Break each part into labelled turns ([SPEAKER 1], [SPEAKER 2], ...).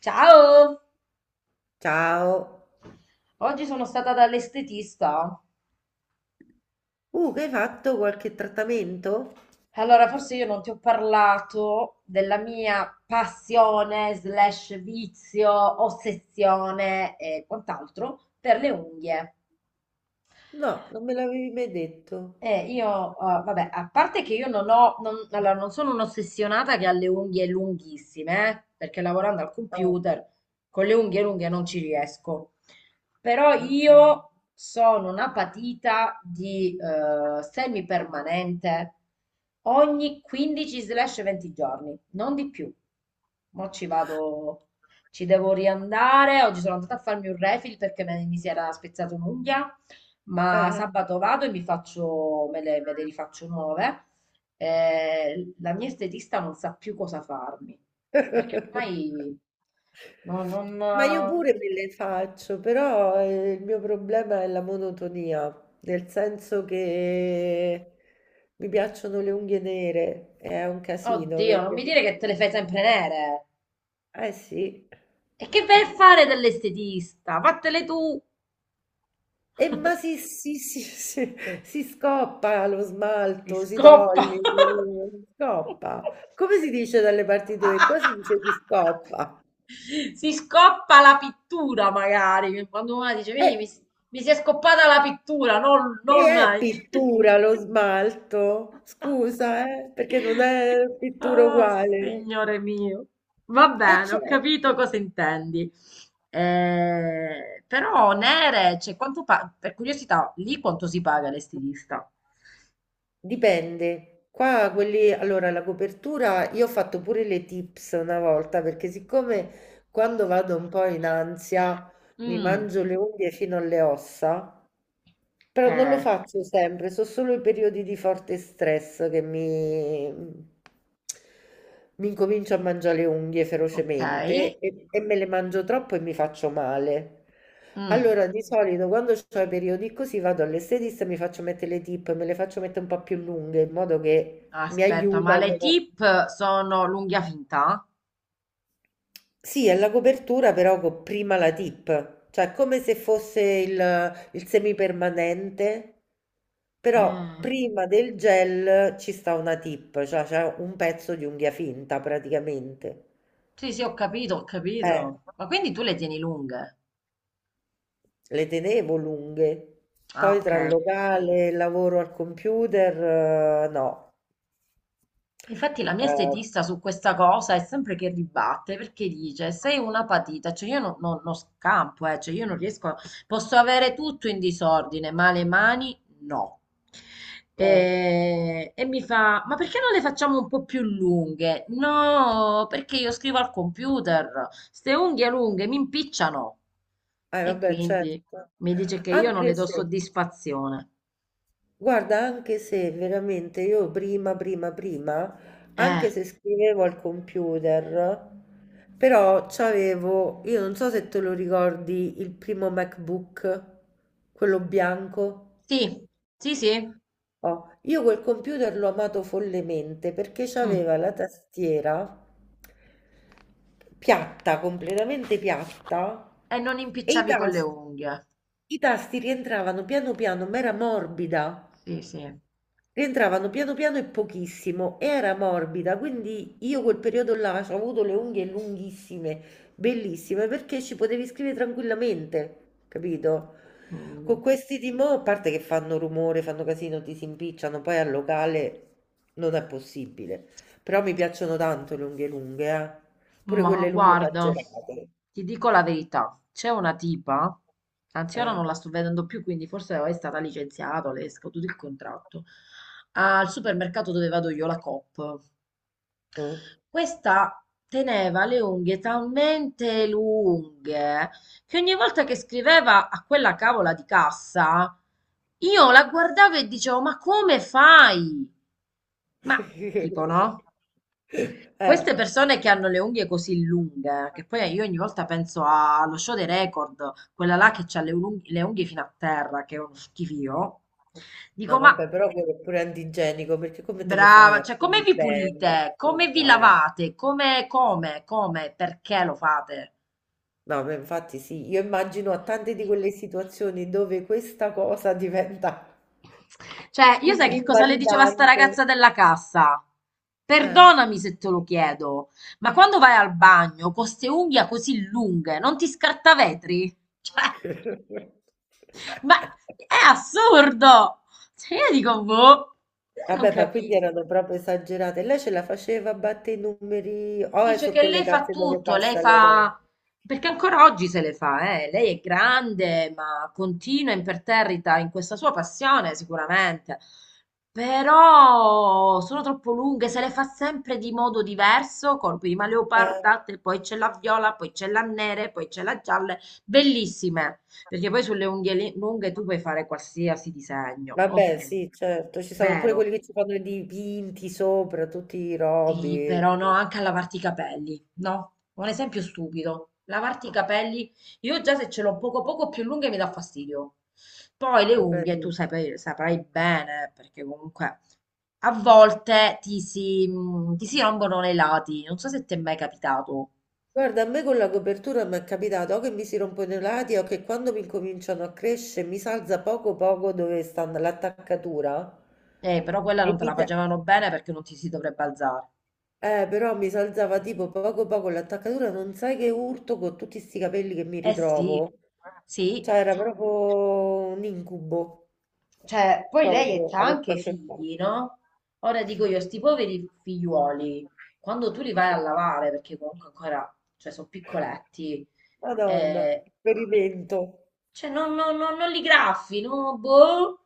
[SPEAKER 1] Ciao!
[SPEAKER 2] Ciao.
[SPEAKER 1] Oggi sono stata dall'estetista.
[SPEAKER 2] Che hai fatto qualche trattamento?
[SPEAKER 1] Allora, forse io non ti ho parlato della mia passione, slash vizio, ossessione e quant'altro per le unghie.
[SPEAKER 2] No, non me l'avevi mai detto.
[SPEAKER 1] Io, vabbè, a parte che io non ho, non, allora, non sono un'ossessionata che ha le unghie lunghissime, perché lavorando al
[SPEAKER 2] Ah,
[SPEAKER 1] computer con le unghie lunghe non ci riesco. Però
[SPEAKER 2] ok.
[SPEAKER 1] io sono una patita di semipermanente ogni 15-20 giorni, non di più. Mo' ci vado, ci devo riandare. Oggi sono andata a farmi un refill perché mi si era spezzata un'unghia, ma
[SPEAKER 2] Eh.
[SPEAKER 1] sabato vado e mi faccio, me le rifaccio nuove. La mia estetista non sa più cosa farmi, perché ormai non,
[SPEAKER 2] Ma io
[SPEAKER 1] non-
[SPEAKER 2] pure me le faccio, però il mio problema è la monotonia, nel senso che mi piacciono le unghie nere, è un casino
[SPEAKER 1] Oddio, non
[SPEAKER 2] perché
[SPEAKER 1] mi
[SPEAKER 2] sono...
[SPEAKER 1] dire
[SPEAKER 2] sta-
[SPEAKER 1] che te le fai sempre nere.
[SPEAKER 2] Eh sì.
[SPEAKER 1] E che vai a fare dell'estetista? Fattele tu!
[SPEAKER 2] E ma si scoppa lo
[SPEAKER 1] E
[SPEAKER 2] smalto, si
[SPEAKER 1] scoppa!
[SPEAKER 2] toglie, si scoppa. Come si dice dalle parti tue? Qua si dice si scoppa.
[SPEAKER 1] Si scoppa la pittura, magari. Quando una dice,
[SPEAKER 2] E,
[SPEAKER 1] mi si è scoppata la pittura,
[SPEAKER 2] e
[SPEAKER 1] non...
[SPEAKER 2] è pittura lo smalto? Scusa, perché non è pittura
[SPEAKER 1] Oh,
[SPEAKER 2] uguale.
[SPEAKER 1] signore mio. Va
[SPEAKER 2] Eh
[SPEAKER 1] bene, ho
[SPEAKER 2] certo,
[SPEAKER 1] capito cosa intendi. Però, nere, cioè, per curiosità, lì quanto si paga l'estilista?
[SPEAKER 2] dipende. Qua quelli, allora la copertura, io ho fatto pure le tips una volta, perché siccome quando vado un po' in ansia mi
[SPEAKER 1] Mm,
[SPEAKER 2] mangio le unghie fino alle ossa. Però non lo
[SPEAKER 1] eh,
[SPEAKER 2] faccio sempre, sono solo i periodi di forte stress che mi incomincio a mangiare le unghie
[SPEAKER 1] ok.
[SPEAKER 2] ferocemente e me le mangio troppo e mi faccio male.
[SPEAKER 1] Mm,
[SPEAKER 2] Allora, di solito quando ho i periodi così vado all'estetista e mi faccio mettere le tip, me le faccio mettere un po' più lunghe in modo che mi
[SPEAKER 1] aspetta, ma le
[SPEAKER 2] aiutano.
[SPEAKER 1] tip sono l'unghia finta?
[SPEAKER 2] Sì, è la copertura però con prima la tip, cioè come se fosse il semipermanente, però
[SPEAKER 1] Mm,
[SPEAKER 2] prima del gel ci sta una tip, cioè c'è un pezzo di unghia finta praticamente.
[SPEAKER 1] sì, sì, ho capito, ho
[SPEAKER 2] Eh,
[SPEAKER 1] capito. Ma quindi tu le tieni lunghe?
[SPEAKER 2] le tenevo lunghe,
[SPEAKER 1] Ah,
[SPEAKER 2] poi
[SPEAKER 1] ok.
[SPEAKER 2] tra il locale e il lavoro al computer, no.
[SPEAKER 1] Infatti la mia
[SPEAKER 2] Eh,
[SPEAKER 1] estetista su questa cosa è sempre che ribatte perché dice sei una patita, cioè io non, non- non scampo, cioè io non riesco, a- posso avere tutto in disordine, ma le mani no.
[SPEAKER 2] eh,
[SPEAKER 1] E mi fa, ma perché non le facciamo un po' più lunghe? No, perché io scrivo al computer, ste unghie lunghe mi impicciano. E
[SPEAKER 2] vabbè, certo.
[SPEAKER 1] quindi mi dice che io non le
[SPEAKER 2] Anche
[SPEAKER 1] do
[SPEAKER 2] se,
[SPEAKER 1] soddisfazione.
[SPEAKER 2] guarda, anche se veramente io prima, prima, prima,
[SPEAKER 1] Eh,
[SPEAKER 2] anche se scrivevo al computer, però c'avevo, io non so se te lo ricordi, il primo MacBook, quello bianco.
[SPEAKER 1] sì, sì, sì.
[SPEAKER 2] Oh, io quel computer l'ho amato follemente perché
[SPEAKER 1] Mm.
[SPEAKER 2] c'aveva la tastiera piatta, completamente piatta,
[SPEAKER 1] E non
[SPEAKER 2] e i
[SPEAKER 1] impicciavi con le
[SPEAKER 2] tasti,
[SPEAKER 1] unghie.
[SPEAKER 2] i tasti rientravano piano piano, ma era morbida.
[SPEAKER 1] Sì, sì.
[SPEAKER 2] Rientravano piano piano e pochissimo, e era morbida, quindi io quel periodo là ho avuto le unghie lunghissime, bellissime, perché ci potevi scrivere tranquillamente, capito?
[SPEAKER 1] Mm.
[SPEAKER 2] Con questi di mo', a parte che fanno rumore, fanno casino, ti si impicciano, poi al locale non è possibile. Però mi piacciono tanto le unghie lunghe, eh. Pure
[SPEAKER 1] Ma
[SPEAKER 2] quelle lunghe
[SPEAKER 1] guarda,
[SPEAKER 2] esagerate.
[SPEAKER 1] ti dico la verità, c'è una tipa, anzi ora non
[SPEAKER 2] Eh.
[SPEAKER 1] la sto vedendo più, quindi forse è stata licenziata, le è scaduto il contratto. Al supermercato dove vado io, la Coop.
[SPEAKER 2] Mm.
[SPEAKER 1] Questa teneva le unghie talmente lunghe che ogni volta che scriveva a quella cavola di cassa, io la guardavo e dicevo: ma come fai? Ma tipo, no?
[SPEAKER 2] Eh.
[SPEAKER 1] Queste persone che hanno le unghie così lunghe, che poi io ogni volta allo show dei record, quella là che ha le unghie fino a terra, che è uno schifio,
[SPEAKER 2] No,
[SPEAKER 1] dico: ma
[SPEAKER 2] vabbè, però quello è pure antigenico, perché come te le fai
[SPEAKER 1] brava,
[SPEAKER 2] a
[SPEAKER 1] cioè come
[SPEAKER 2] pulire
[SPEAKER 1] vi
[SPEAKER 2] bene?
[SPEAKER 1] pulite? Come vi
[SPEAKER 2] Scusa, eh.
[SPEAKER 1] lavate? Come, perché lo fate?
[SPEAKER 2] No, ma infatti sì, io immagino a tante di quelle situazioni dove questa cosa diventa
[SPEAKER 1] Cioè, io sai che cosa le diceva sta
[SPEAKER 2] invalidante.
[SPEAKER 1] ragazza della cassa?
[SPEAKER 2] Eh.
[SPEAKER 1] Perdonami se te lo chiedo, ma quando vai al bagno con queste unghie così lunghe, non ti scartavetri? Cioè, ma è assurdo! Cioè, io dico, boh, io non
[SPEAKER 2] Vabbè, ma quindi
[SPEAKER 1] capisco.
[SPEAKER 2] erano proprio esagerate. Lei ce la faceva a battere i numeri, o è
[SPEAKER 1] Dice
[SPEAKER 2] su
[SPEAKER 1] che
[SPEAKER 2] quelle
[SPEAKER 1] lei fa
[SPEAKER 2] casse dove
[SPEAKER 1] tutto, lei
[SPEAKER 2] passa le robe?
[SPEAKER 1] fa... perché ancora oggi se le fa, eh. Lei è grande, ma continua imperterrita in questa sua passione, sicuramente. Però sono troppo lunghe, se le fa sempre di modo diverso, con prima leoparda, te- poi c'è la viola, poi c'è la nera, poi c'è la gialla, bellissime, perché poi sulle lunghe tu puoi fare qualsiasi disegno,
[SPEAKER 2] Vabbè,
[SPEAKER 1] ok,
[SPEAKER 2] sì, certo, ci sono pure
[SPEAKER 1] vero.
[SPEAKER 2] quelli che ci fanno i dipinti sopra, tutti i
[SPEAKER 1] Sì,
[SPEAKER 2] robi,
[SPEAKER 1] però no,
[SPEAKER 2] tipo.
[SPEAKER 1] anche a lavarti i capelli, no? Un esempio stupido. Lavarti i capelli, io già se ce l'ho poco poco più lunghe mi dà fastidio. Poi le
[SPEAKER 2] Vabbè,
[SPEAKER 1] unghie, tu
[SPEAKER 2] sì.
[SPEAKER 1] saprai, saprai bene, perché comunque a volte ti si rompono nei lati. Non so se ti è mai capitato.
[SPEAKER 2] Guarda, a me con la copertura mi è capitato o che mi si rompono i lati o che quando mi cominciano a crescere mi salza poco poco dove sta l'attaccatura
[SPEAKER 1] Però quella
[SPEAKER 2] e
[SPEAKER 1] non te
[SPEAKER 2] mi
[SPEAKER 1] la
[SPEAKER 2] dà.
[SPEAKER 1] facevano bene perché non ti si dovrebbe alzare.
[SPEAKER 2] Però mi salzava tipo poco poco l'attaccatura, non sai che urto con tutti sti capelli che mi
[SPEAKER 1] Eh sì,
[SPEAKER 2] ritrovo.
[SPEAKER 1] sì.
[SPEAKER 2] Cioè, era proprio un incubo,
[SPEAKER 1] Cioè, poi lei
[SPEAKER 2] proprio,
[SPEAKER 1] ha
[SPEAKER 2] avevo
[SPEAKER 1] anche
[SPEAKER 2] a che fare.
[SPEAKER 1] figli, no? Ora dico io, sti poveri figliuoli, quando tu li vai a lavare, perché comunque ancora, cioè, sono piccoletti,
[SPEAKER 2] Madonna,
[SPEAKER 1] eh,
[SPEAKER 2] esperimento.
[SPEAKER 1] cioè, non li graffi, no? Boh,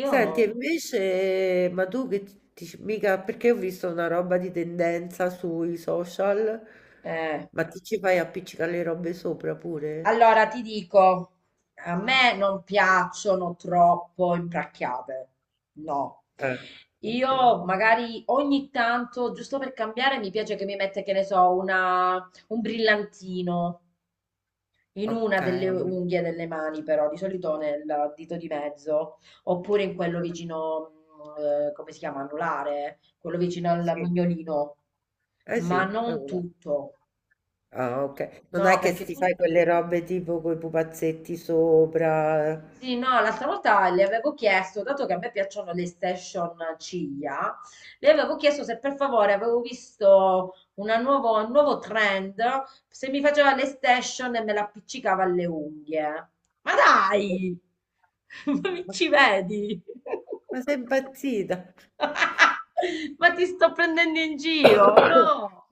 [SPEAKER 2] Senti, e invece, ma tu che mica, perché ho visto una roba di tendenza sui social,
[SPEAKER 1] eh.
[SPEAKER 2] ma ti ci fai appiccicare le robe sopra pure?
[SPEAKER 1] Allora, ti dico, a me non piacciono troppo impracchiate, no.
[SPEAKER 2] Eh, okay,
[SPEAKER 1] Io magari ogni tanto, giusto per cambiare, mi piace che mi mette, che ne so, un brillantino in una delle
[SPEAKER 2] okay.
[SPEAKER 1] unghie delle mani, però, di solito nel dito di mezzo, oppure in quello
[SPEAKER 2] Eh,
[SPEAKER 1] vicino, mm, come si chiama, anulare, quello vicino al
[SPEAKER 2] sì,
[SPEAKER 1] mignolino,
[SPEAKER 2] eh sì,
[SPEAKER 1] ma
[SPEAKER 2] è
[SPEAKER 1] non
[SPEAKER 2] una
[SPEAKER 1] tutto.
[SPEAKER 2] ah okay. Non
[SPEAKER 1] No,
[SPEAKER 2] è che s
[SPEAKER 1] perché
[SPEAKER 2] ti
[SPEAKER 1] tu
[SPEAKER 2] fai quelle robe tipo coi pupazzetti sopra.
[SPEAKER 1] sì, no, l'altra volta le avevo chiesto, dato che a me piacciono le station ciglia, le avevo chiesto se per favore avevo visto un nuovo trend, se mi faceva le station e me l'appiccicava alle unghie. Ma
[SPEAKER 2] Eh,
[SPEAKER 1] dai! Ma mi
[SPEAKER 2] ma
[SPEAKER 1] ci vedi?
[SPEAKER 2] ma sei impazzita?
[SPEAKER 1] Ma ti sto prendendo in giro, no?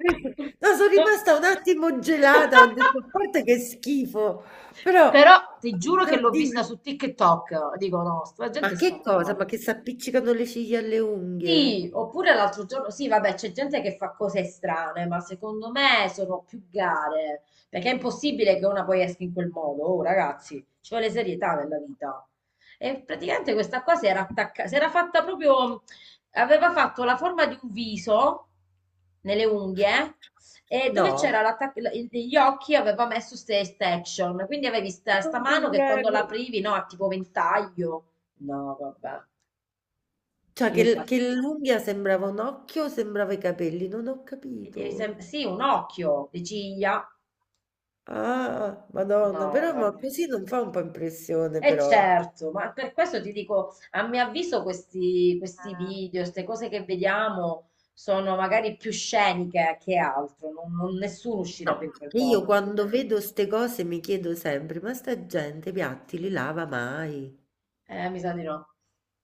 [SPEAKER 2] No, son
[SPEAKER 1] No.
[SPEAKER 2] rimasta un attimo gelata, ho detto: "A parte che schifo", però
[SPEAKER 1] Però ti giuro che l'ho vista
[SPEAKER 2] oddio,
[SPEAKER 1] su TikTok. Dico, no, sta gente
[SPEAKER 2] ma
[SPEAKER 1] sta
[SPEAKER 2] che cosa? Ma
[SPEAKER 1] male.
[SPEAKER 2] che s'appiccicano le ciglia alle
[SPEAKER 1] Sì,
[SPEAKER 2] unghie?
[SPEAKER 1] oppure l'altro giorno, sì, vabbè, c'è gente che fa cose strane, ma secondo me sono più gare, perché è impossibile che una poi esca in quel modo, oh ragazzi, ci vuole serietà nella vita. E praticamente questa qua si era attaccata, si era fatta proprio, aveva fatto la forma di un viso nelle unghie e dove
[SPEAKER 2] No,
[SPEAKER 1] c'era gli occhi aveva messo queste extension, quindi avevi
[SPEAKER 2] non
[SPEAKER 1] sta
[SPEAKER 2] ti
[SPEAKER 1] mano che quando
[SPEAKER 2] prego.
[SPEAKER 1] l'aprivi, no, ha tipo ventaglio. No, vabbè,
[SPEAKER 2] Cioè
[SPEAKER 1] io
[SPEAKER 2] che
[SPEAKER 1] quasi.
[SPEAKER 2] l'unghia sembrava un occhio, sembrava i capelli, non ho
[SPEAKER 1] E
[SPEAKER 2] capito.
[SPEAKER 1] sì, un occhio, le ciglia.
[SPEAKER 2] Ah, Madonna,
[SPEAKER 1] No,
[SPEAKER 2] però ma
[SPEAKER 1] vabbè.
[SPEAKER 2] così non fa un po' impressione
[SPEAKER 1] E
[SPEAKER 2] però.
[SPEAKER 1] certo, ma per questo ti dico, a mio avviso questi video, queste cose che vediamo sono magari più sceniche che altro, nessuno uscirebbe
[SPEAKER 2] No.
[SPEAKER 1] in quel
[SPEAKER 2] Che io
[SPEAKER 1] modo.
[SPEAKER 2] quando vedo ste cose mi chiedo sempre, ma sta gente i piatti li lava mai?
[SPEAKER 1] Mi sa di no,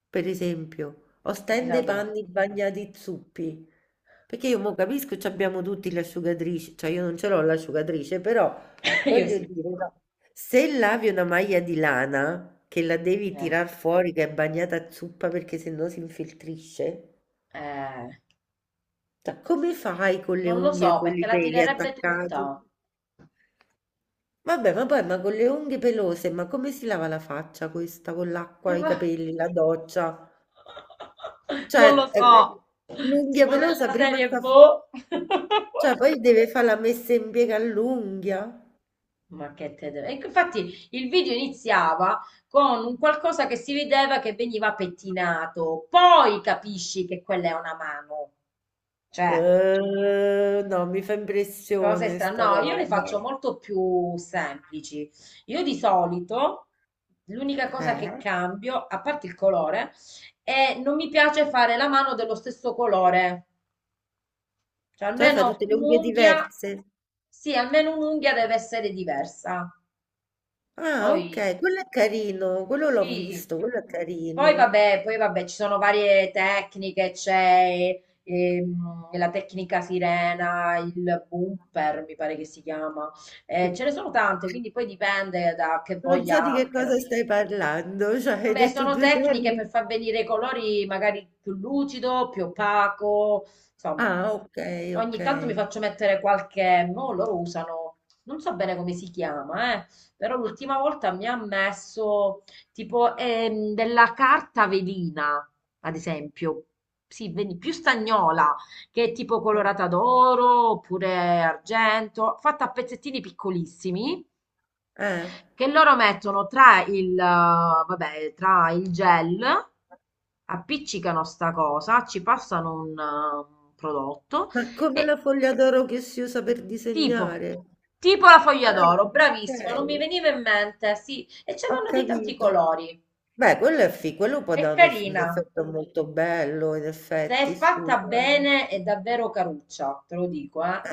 [SPEAKER 2] Per esempio, o
[SPEAKER 1] mi sa
[SPEAKER 2] stende i
[SPEAKER 1] di no.
[SPEAKER 2] panni bagnati zuppi. Perché io mo capisco, ci abbiamo tutti l'asciugatrice, cioè io non ce l'ho l'asciugatrice, però
[SPEAKER 1] Io
[SPEAKER 2] voglio
[SPEAKER 1] sì.
[SPEAKER 2] dire, no, se lavi una maglia di lana che la devi
[SPEAKER 1] Eh,
[SPEAKER 2] tirar fuori che è bagnata a zuppa perché sennò si infiltrisce,
[SPEAKER 1] eh,
[SPEAKER 2] cioè come fai con le
[SPEAKER 1] non lo
[SPEAKER 2] unghie e
[SPEAKER 1] so,
[SPEAKER 2] con
[SPEAKER 1] perché
[SPEAKER 2] i
[SPEAKER 1] la
[SPEAKER 2] peli
[SPEAKER 1] tirerebbe tutta.
[SPEAKER 2] attaccati? Vabbè, ma poi ma con le unghie pelose, ma come si lava la faccia questa con
[SPEAKER 1] Eh,
[SPEAKER 2] l'acqua, i
[SPEAKER 1] va-
[SPEAKER 2] capelli, la doccia?
[SPEAKER 1] Non lo
[SPEAKER 2] Cioè,
[SPEAKER 1] so,
[SPEAKER 2] l'unghia
[SPEAKER 1] tipo
[SPEAKER 2] pelosa
[SPEAKER 1] della
[SPEAKER 2] prima
[SPEAKER 1] serie
[SPEAKER 2] sta.
[SPEAKER 1] boh.
[SPEAKER 2] Cioè, poi deve fare la messa in piega all'unghia.
[SPEAKER 1] Ma che te deve... Ecco, infatti il video iniziava con un qualcosa che si vedeva che veniva pettinato, poi capisci che quella è una mano. Cioè,
[SPEAKER 2] No, mi fa
[SPEAKER 1] cose
[SPEAKER 2] impressione
[SPEAKER 1] strane.
[SPEAKER 2] sta
[SPEAKER 1] No, io le
[SPEAKER 2] roba.
[SPEAKER 1] faccio molto più semplici. Io di solito l'unica cosa che
[SPEAKER 2] Eh?
[SPEAKER 1] cambio, a parte il colore, è non mi piace fare la mano dello stesso colore. Cioè,
[SPEAKER 2] Cioè, fa
[SPEAKER 1] almeno
[SPEAKER 2] tutte le unghie
[SPEAKER 1] un'unghia,
[SPEAKER 2] diverse.
[SPEAKER 1] sì, almeno un'unghia deve essere diversa.
[SPEAKER 2] Ah,
[SPEAKER 1] Poi
[SPEAKER 2] ok, quello è carino, quello l'ho
[SPEAKER 1] sì.
[SPEAKER 2] visto, quello è
[SPEAKER 1] Poi
[SPEAKER 2] carino.
[SPEAKER 1] vabbè, poi vabbè, ci sono varie tecniche, c'è la tecnica sirena, il bumper, mi pare che si chiama. Ce ne sono tante, quindi poi dipende da che
[SPEAKER 2] Non so
[SPEAKER 1] voglia
[SPEAKER 2] di
[SPEAKER 1] ha
[SPEAKER 2] che
[SPEAKER 1] anche la
[SPEAKER 2] cosa
[SPEAKER 1] mia
[SPEAKER 2] stai
[SPEAKER 1] estetica.
[SPEAKER 2] parlando, cioè hai
[SPEAKER 1] Vabbè,
[SPEAKER 2] detto
[SPEAKER 1] sono
[SPEAKER 2] due
[SPEAKER 1] tecniche per
[SPEAKER 2] termini.
[SPEAKER 1] far venire i colori magari più lucido, più opaco, insomma.
[SPEAKER 2] Ah, ok,
[SPEAKER 1] Ogni
[SPEAKER 2] ok.
[SPEAKER 1] tanto mi faccio mettere qualche, mo loro usano, non so bene come si chiama, però l'ultima volta mi ha messo tipo della carta velina, ad esempio, sì, più stagnola, che è tipo
[SPEAKER 2] Ah,
[SPEAKER 1] colorata d'oro oppure argento, fatta a pezzettini piccolissimi
[SPEAKER 2] eh.
[SPEAKER 1] che loro mettono tra vabbè, tra il gel, appiccicano sta cosa, ci passano un prodotto
[SPEAKER 2] Ma come
[SPEAKER 1] e
[SPEAKER 2] la foglia d'oro che si usa per
[SPEAKER 1] tipo,
[SPEAKER 2] disegnare?
[SPEAKER 1] tipo la foglia
[SPEAKER 2] Ah,
[SPEAKER 1] d'oro, bravissima, non mi
[SPEAKER 2] okay,
[SPEAKER 1] veniva in mente, sì, e ce
[SPEAKER 2] ho
[SPEAKER 1] l'hanno di tanti
[SPEAKER 2] capito.
[SPEAKER 1] colori,
[SPEAKER 2] Beh, quello è fi quello può
[SPEAKER 1] è
[SPEAKER 2] dare un
[SPEAKER 1] carina,
[SPEAKER 2] effetto molto bello, in
[SPEAKER 1] se è
[SPEAKER 2] effetti,
[SPEAKER 1] fatta
[SPEAKER 2] scusa, eh.
[SPEAKER 1] bene è davvero caruccia, te lo dico, eh.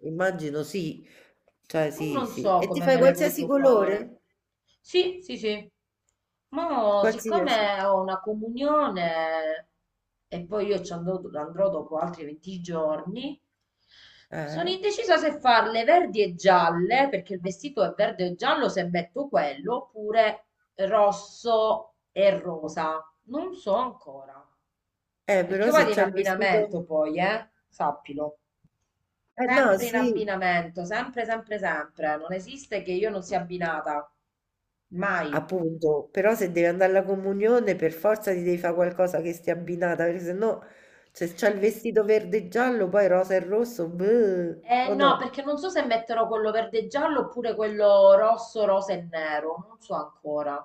[SPEAKER 2] Immagino sì, cioè
[SPEAKER 1] Ma
[SPEAKER 2] sì,
[SPEAKER 1] non
[SPEAKER 2] sì.
[SPEAKER 1] so
[SPEAKER 2] E ti
[SPEAKER 1] come
[SPEAKER 2] fai
[SPEAKER 1] me le
[SPEAKER 2] qualsiasi
[SPEAKER 1] voglio fare.
[SPEAKER 2] colore?
[SPEAKER 1] Sì, sì, sì. Ma
[SPEAKER 2] Qualsiasi?
[SPEAKER 1] siccome ho una comunione e poi io ci andrò, andrò dopo altri 20 giorni, sono
[SPEAKER 2] Eh?
[SPEAKER 1] indecisa se farle verdi e gialle, perché il vestito è verde e giallo se metto quello, oppure rosso e rosa. Non so ancora, perché
[SPEAKER 2] Però
[SPEAKER 1] io
[SPEAKER 2] se
[SPEAKER 1] vado in
[SPEAKER 2] c'hai il vestito
[SPEAKER 1] abbinamento poi, eh? Sappilo.
[SPEAKER 2] eh no,
[SPEAKER 1] Sempre in
[SPEAKER 2] sì,
[SPEAKER 1] abbinamento, sempre, sempre, sempre. Non esiste che io non sia abbinata. Mai.
[SPEAKER 2] appunto, però se devi andare alla comunione per forza ti devi fa' qualcosa che stia abbinata, perché sennò se c'hai il vestito verde e giallo, poi rosa e rosso, beh,
[SPEAKER 1] Eh
[SPEAKER 2] o
[SPEAKER 1] no,
[SPEAKER 2] no?
[SPEAKER 1] perché non so se metterò quello verde e giallo oppure quello rosso, rosa e nero. Non so ancora.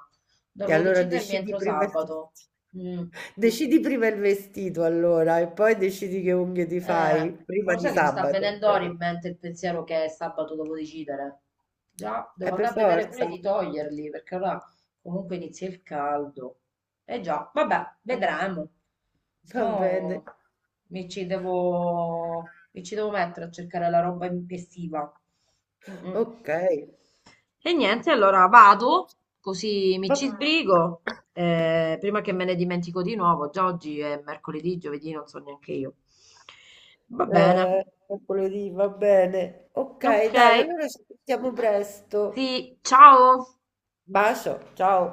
[SPEAKER 2] E
[SPEAKER 1] Devo
[SPEAKER 2] allora
[SPEAKER 1] decidermi
[SPEAKER 2] decidi
[SPEAKER 1] entro
[SPEAKER 2] prima il vestito.
[SPEAKER 1] sabato. Mm.
[SPEAKER 2] Decidi prima il vestito allora e poi decidi che unghie ti
[SPEAKER 1] Eh,
[SPEAKER 2] fai,
[SPEAKER 1] ma
[SPEAKER 2] prima
[SPEAKER 1] lo
[SPEAKER 2] di
[SPEAKER 1] sai che mi sta
[SPEAKER 2] sabato,
[SPEAKER 1] venendo ora in
[SPEAKER 2] ovviamente.
[SPEAKER 1] mente il pensiero che sabato devo decidere. Già, devo
[SPEAKER 2] Per
[SPEAKER 1] andare a vedere pure
[SPEAKER 2] forza.
[SPEAKER 1] di toglierli, perché ora comunque inizia il caldo. Eh già, vabbè,
[SPEAKER 2] Eh,
[SPEAKER 1] vedremo.
[SPEAKER 2] va bene.
[SPEAKER 1] Mo mi ci devo mettere a cercare la roba estiva. Mm, mm.
[SPEAKER 2] Ok.
[SPEAKER 1] E niente, allora vado, così mi
[SPEAKER 2] Va-
[SPEAKER 1] ci sbrigo. Eh, prima che me ne dimentico di nuovo, già oggi è mercoledì, giovedì, non so neanche io. Va bene,
[SPEAKER 2] Mercoledì, va bene. Ok,
[SPEAKER 1] ok,
[SPEAKER 2] dai, allora ci sentiamo presto.
[SPEAKER 1] sì, ciao.
[SPEAKER 2] Bacio, ciao.